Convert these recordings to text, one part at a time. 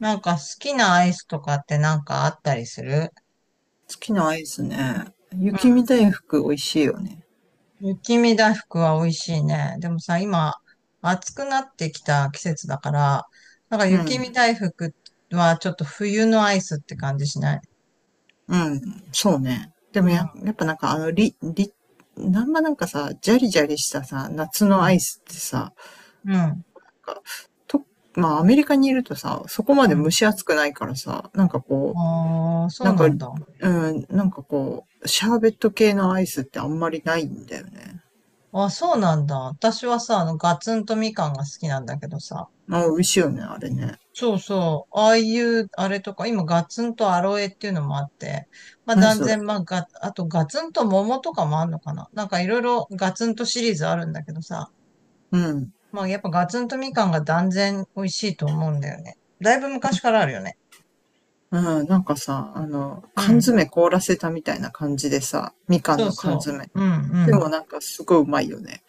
なんか好きなアイスとかってなんかあったりする？好きなアイスね。うん。雪見大福美味しいよね。雪見大福は美味しいね。でもさ、今、暑くなってきた季節だから、なんかう雪見ん。大福はちょっと冬のアイスって感じしない？うん。そうね。でもうん、やっぱなんかあの、り、り、なんまなんかさ、ジャリジャリしたさ、夏うのアん、イスってさ、なんうん、かと、まあアメリカにいるとさ、そこうまで蒸ん。し暑くないからさ、なんかこああ、う、そうなんだ。なんかこう、シャーベット系のアイスってあんまりないんだよね。あ、そうなんだ。私はさ、ガツンとみかんが好きなんだけどさ、まあ、美味しいよね、あれね。そうそう。ああいう、あれとか、今、ガツンとアロエっていうのもあって、まあ、何断それ。然、まあ、あと、ガツンと桃とかもあんのかな。なんか、いろいろガツンとシリーズあるんだけどさ、うん。まあ、やっぱガツンとみかんが断然美味しいと思うんだよね。だいぶ昔からあるよね。うん、なんかさ、う缶ん。詰凍らせたみたいな感じでさ、みかんそうの缶そ詰。う。うん、うでもん。なんかすごいうまいよね。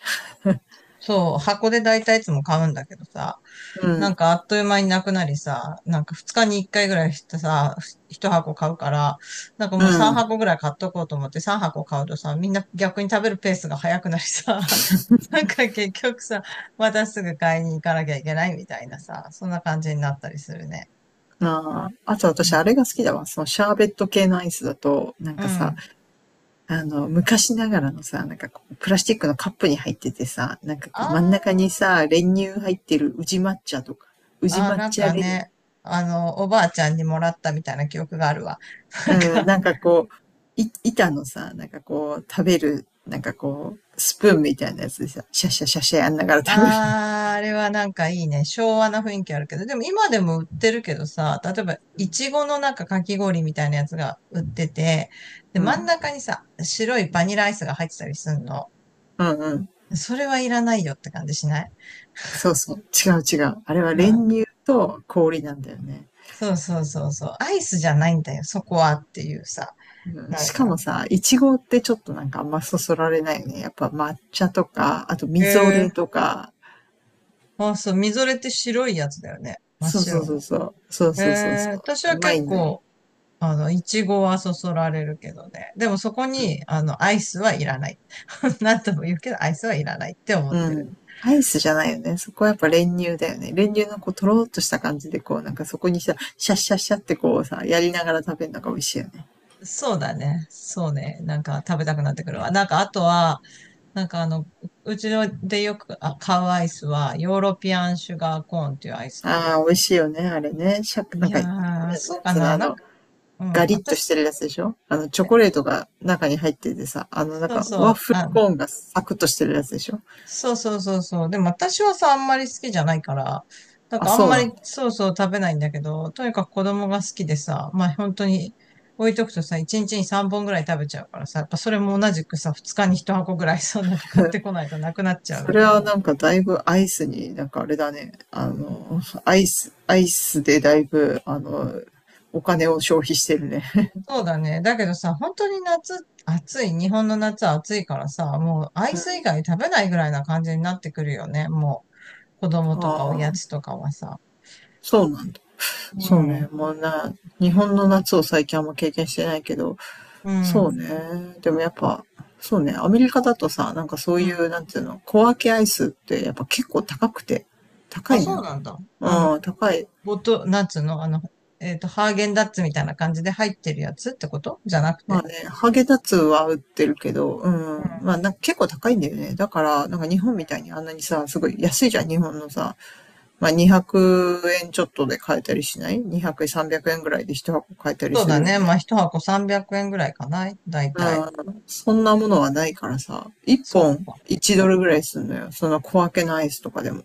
そう。箱で大体いつも買うんだけどさ、うなんん、かあっという間になくなりさ、なんか2日に1回ぐらいしてさ、1箱買うから、なんかうもう3ん。箱ぐらい買っとこうと思って3箱買うとさ、みんな逆に食べるペースが早くなりさ、なんか結局さ、またすぐ買いに行かなきゃいけないみたいなさ、そんな感じになったりするね。ああ、あとう私んあれが好きだわ。そのシャーベット系のアイスだと、なんうかさ、ん。昔ながらのさ、なんかこう、プラスチックのカップに入っててさ、なんかあこう、真ん中にーさ、練乳入ってる宇治抹茶とか、宇治あー、抹なん茶か練乳。ね、おばあちゃんにもらったみたいな記憶があるわ。なんうん、か、なんかこう、板のさ、なんかこう、食べる、なんかこう、スプーンみたいなやつでさ、シャシャシャシャやんながら食べる。あー、あれはなんかいいね。昭和な雰囲気あるけど。でも今でも売ってるけどさ、例えば、ういん。ちごのなんかかき氷みたいなやつが売ってて、で、真ん中にさ、白いバニラアイスが入ってたりすんの。うんうん。それはいらないよって感じしない？そうそう。違う違う。あれはうん。練乳と氷なんだよね。そうそうそうそう。アイスじゃないんだよ、そこはっていうさ。うん、なしんかか、もさ、いちごってちょっとなんかあんまそそられないよね。やっぱ抹茶とか、あとえみぞれー、とか。あ、そう、みぞれって白いやつだよね。真っそうそ白うその。うそう。そうそうそうえそ私う。うはまい結んだよ。構、いちごはそそられるけどね。でもそこに、アイスはいらない。なんとも言うけど、アイスはいらないって思うってる。ん。アイスじゃないよね。そこはやっぱ練乳だよね。練乳のこう、とろーっとした感じで、こう、なんかそこにさ、シャッシャッシャッってこうさ、やりながら食べるのが美味しいよね。そうだね。そうね。なんか食べたくなってくるわ。なんかあとは、なんかうちのでよく買うアイスは、ヨーロピアンシュガーコーンっていうアイス買うあわ。あ、美味しいよね、あれね。いなんか、なんやー、そうかつうの、な。なんか、うん、ガリッとして私、るやつでしょ。チョコレートが中に入っててさ、あの、なんそうか、そワッう、フルあ、コーンがサクッとしてるやつでしょ。そうそうそうそう。でも私はさ、あんまり好きじゃないから、なんあ、かあんそうまなりんだ。そうそう食べないんだけど、とにかく子供が好きでさ、まあ本当に置いとくとさ、1日に3本ぐらい食べちゃうからさ、やっぱそれも同じくさ、2日に1箱ぐらいさ、なんか買ってこないとなくなっちゃうそみれたいはな。なんかだいぶアイスに、なんかあれだね、あの、アイスでだいぶ、あの、お金を消費してるね。そうだね。だけどさ、本当に夏、暑い。日本の夏は暑いからさ、もうア イうん。あス以外食べないぐらいな感じになってくるよね。もう、子供とかおやあ、つとかはさ。そうなんだ。うそうね。ん。もうな、日本の夏を最近あんま経験してないけど、うそうん。ね。でもやっぱ、そうね。アメリカだとさ、なんかそうういん。う、なんていうの、小分けアイスってやっぱ結構高くて、高あ、いそうのよ。なんだ。うん、高い。なんつうの、ハーゲンダッツみたいな感じで入ってるやつってことじゃなくまあて。ね、ハーゲンダッツは売ってるけど、ううん。ん、まあなんか結構高いんだよね。だから、なんか日本みたいにあんなにさ、すごい安いじゃん、日本のさ。まあ200円ちょっとで買えたりしない？ 200 円、300円ぐらいで一箱買えたりそうすだるよね。ね。まあ、一箱300円ぐらいかな。だいうたい。ん、そんなものはないからさ、1そっ本か。1ドルぐらいするのよ。その小分けのアイスとかでも。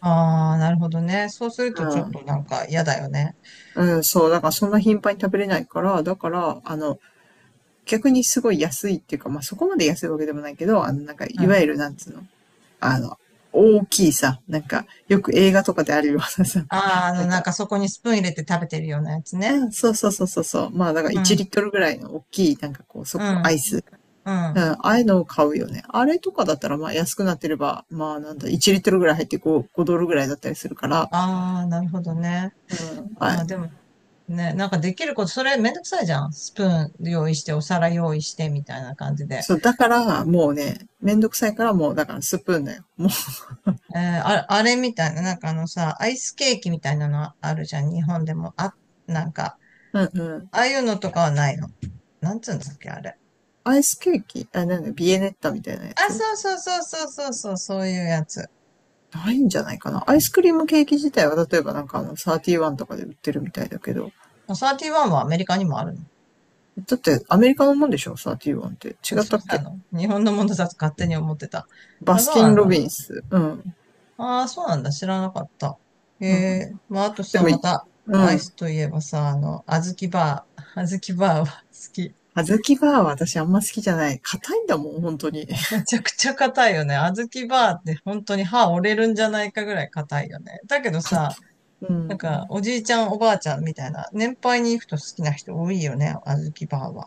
ああ、なるほどね。そうするうとちょっん、となんか嫌だよね。うん、そう、だからそんな頻繁に食べれないから、だから、あの、逆にすごい安いっていうか、まあ、そこまで安いわけでもないけど、あの、なんか、うん。いわあゆる、なんつうの、あの、大きいさ、なんか、よく映画とかであるようなさ、あ、なんなんか、かそこにスプーン入れて食べてるようなやつうね。ん、そうそうそうそうそう、まあ、だからう1ん、リットルぐらいの大きい、なんかこう、うアん、イス。うん。あうん、ああいうのを買うよね。あれとかだったら、まあ安くなってれば、まあなんだ、1リットルぐらい入って 5, 5ドルぐらいだったりするから、あ、なるほどね。うん、ああいまあ、うでの。も、ね、なんかできること、それめんどくさいじゃん。スプーン用意して、お皿用意して、みたいな感じで。そう、だから、もうね、めんどくさいからもう、だからスプーンだよ。あれみたいな、なんかあのさ、アイスケーキみたいなのあるじゃん、日本でも。あ、なんか、うんうん。ああいうのとかはないの？なんつうんだっけ、あれ。アイスケーキ、あ、なんだ、ビエネッタみたいなやあ、つ。そうそうそうそうそうそう、そういうやつ。ないんじゃないかな。アイスクリームケーキ自体は、例えばなんかあの、サーティワンとかで売ってるみたいだけど。サーティワンはアメリカにもあるの？だって、アメリカのもんでしょ、サーティワンって。あ、違っそうたっなけ。の。日本のものだと勝手に思ってた。バあ、スそうキなン・んロだ。ビンス。うん。ああ、そうなんだ。知らなかった。えうん。えまあ、あとでさ、も、また、うアイん。スといえばさ、あずきバー。あずきバーは好き。小豆バーは私あんま好きじゃない。硬いんだもん、本当に。めちゃくちゃ硬いよね。小豆バーって本当に歯折れるんじゃないかぐらい硬いよね。だけど 硬い。さ、うなんかん。おじいちゃんおばあちゃんみたいな、年配に行くと好きな人多いよね、小豆バーは。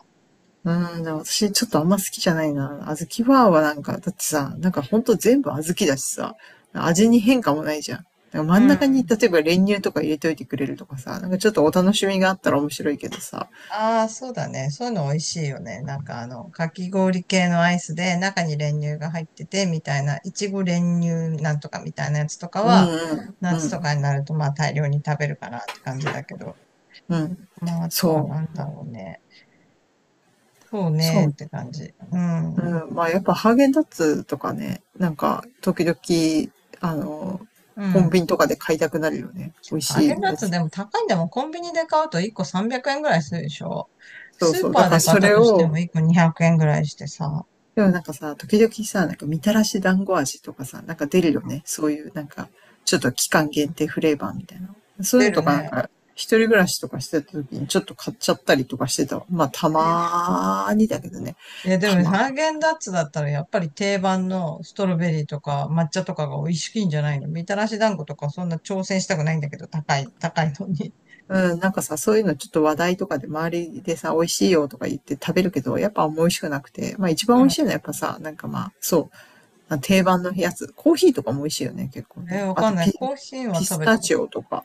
うん、でも私ちょっとあんま好きじゃないな。小豆バーはなんか、だってさ、なんかほんと全部小豆だしさ、味に変化もないじゃん。なんかう真ん中に、ん。例えば練乳とか入れといてくれるとかさ、なんかちょっとお楽しみがあったら面白いけどさ。ああ、そうだね。そういうの美味しいよね。なんかかき氷系のアイスで中に練乳が入っててみたいな、いちご練乳なんとかみたいなやつとかうんうは、ん、う夏とかにん、なるとまあ大量に食べるかなって感じだけど。うん。まああとはそなんう、だろうね。そうそねっう。て感じ。うん。うん、まあやっぱハーゲンダッツとかね、なんか時々、あの、うコンビん。ニとかで買いたくなるよね。美味ハーしゲンいダッやツつ。でも高いんだもん。コンビニで買うと1個300円ぐらいするでしょ。そうスーそう。パだーからで買っそたれとしてを、も1個200円ぐらいしてさ、でもなんかさ、時々さ、なんかみたらし団子味とかさ、なんか出るよね。そういうなんか、ちょっと期間限定フレーバーみたいな。そういう出のるとかなんね。か、一人暮らしとかしてた時にちょっと買っちゃったりとかしてた。まあ、たまーにだけどね。え、でたもまハーゲンダッツだったらやっぱり定番のストロベリーとか抹茶とかが美味しいんじゃないの？みたらし団子とかそんな挑戦したくないんだけど、高い、高いのに。ー。うん、なんかさ、そういうのちょっと話題とかで周りでさ、美味しいよとか言って食べるけど、やっぱあんま美味しくなくて。まあ一番う美味ん。しいのはやっぱさ、なんかまあ、そう。定番のやつ。コーヒーとかも美味しいよね、結構え、ね。わあかんとない。コーヒーはピ食スべタたこと。チオとか。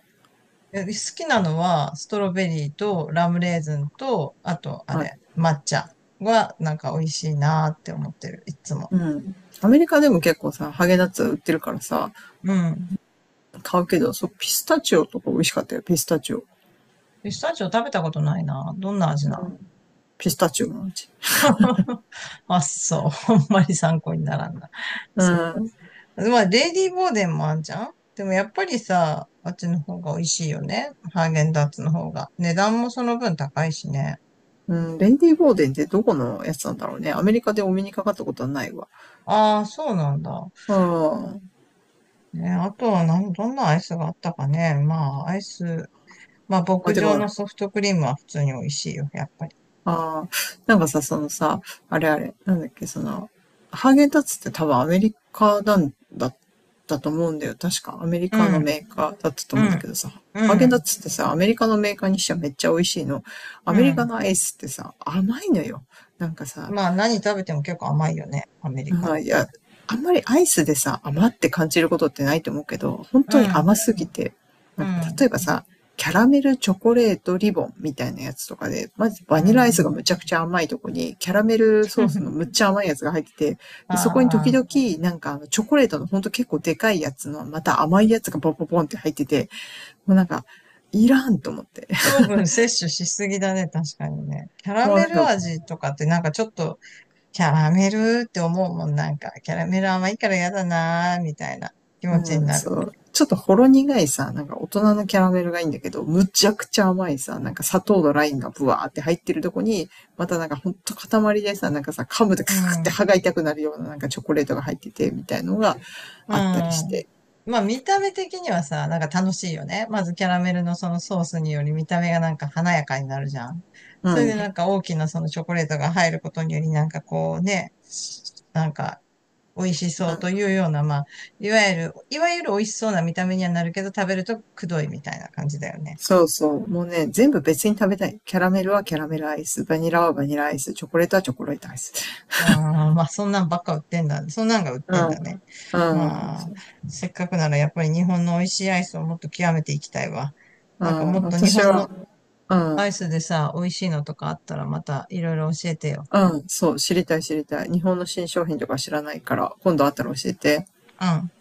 え、好きなのはストロベリーとラムレーズンと、あとああれ、れ、抹茶はなんか美味しいなーって思ってる、いつも。うん。アメリカでも結構さ、ハーゲンダッツ売ってるからさ、うん。買うけど、そう、ピスタチオとか美味しかったよ、ピスタチオ。ピスタチオ食べたことないな。どんな味うな？ ん。ピスタチオの味。あ、そう。あんまり参考にならんな。うそん。う。まあ、レディーボーデンもあんじゃん。でもやっぱりさ、あっちの方が美味しいよね。ハーゲンダッツの方が。値段もその分高いしね。うん。レンディー・ボーデンってどこのやつなんだろうね。アメリカでお目にかかったことはないわ。ああ、そうなんだ。うん。ね、あとはどんなアイスがあったかね。まあ、アイス。まあ、まあ、牧で場も、のソフトクリームは普通に美味しいよ、やっぱり。ああ、なんかさ、そのさ、あれあれ、なんだっけ、その、ハーゲンダッツって多分アメリカなんだったと思うんだよ。確かアメリうカのん、メーカーだったとう思うんだん、けどさ、うハーゲンダッん、ツってさ、アメリカのメーカーにしてはめっちゃ美味しいの。アうメリカん。のアイスってさ、甘いのよ。なんかさ、まあ、何食べても結構甘いよね、アメリカっああ、いて。や、あんまりアイスでさ、甘って感じることってないと思うけど、本う当にん、甘すぎて、うなんか例ん、えばさ、キャラメルチョコレートリボンみたいなやつとかで、まずバうニラアイスん。がむちゃくちゃ甘いとこに、キャラメルソースのむ っちゃ甘いやつが入ってて、あでそこに時あ、々なんかチョコレートのほんと結構でかいやつの、また甘いやつがポンポンポンって入ってて、もうなんか、いらんと思って。糖分摂取しすぎだね、確かにね。キャラもうメなんルか、味とかってなんかちょっと、キャラメルって思うもん、なんか、キャラメル甘いから嫌だなー、みたいな気持ちにうん、なそる。う。ちょっとほろ苦いさ、なんか大人のキャラメルがいいんだけど、むちゃくちゃ甘いさ、なんか砂糖のラインがブワーって入ってるとこに、またなんかほんと塊でさ、なんかさ、噛むうとカクっん。うて歯ん。が痛くなるようななんかチョコレートが入ってて、みたいのがあったりして。まあ見た目的にはさ、なんか楽しいよね。まずキャラメルのそのソースにより見た目がなんか華やかになるじゃん。うそれでん。なんか大きなそのチョコレートが入ることによりなんかこうね、なんか美味しうそうとん、いうような、まあ、いわゆる、美味しそうな見た目にはなるけど、食べるとくどいみたいな感じだよね。そうそう。もうね、全部別に食べたい。キャラメルはキャラメルアイス、バニラはバニラアイス、チョコレートはチョコレートアイス。ああ、まあ、そんなんばっか売ってんだ。そんなんが売っうてんだん、ね。うん、まあ、せっかくならやっぱり日本の美味しいアイスをもっと極めていきたいわ。うなんかん、もっと日私本は、のうん。アイスでさ、美味しいのとかあったらまたいろいろ教えてよ。うん、そう、知りたい知りたい。日本の新商品とか知らないから、今度あったら教えて。うん。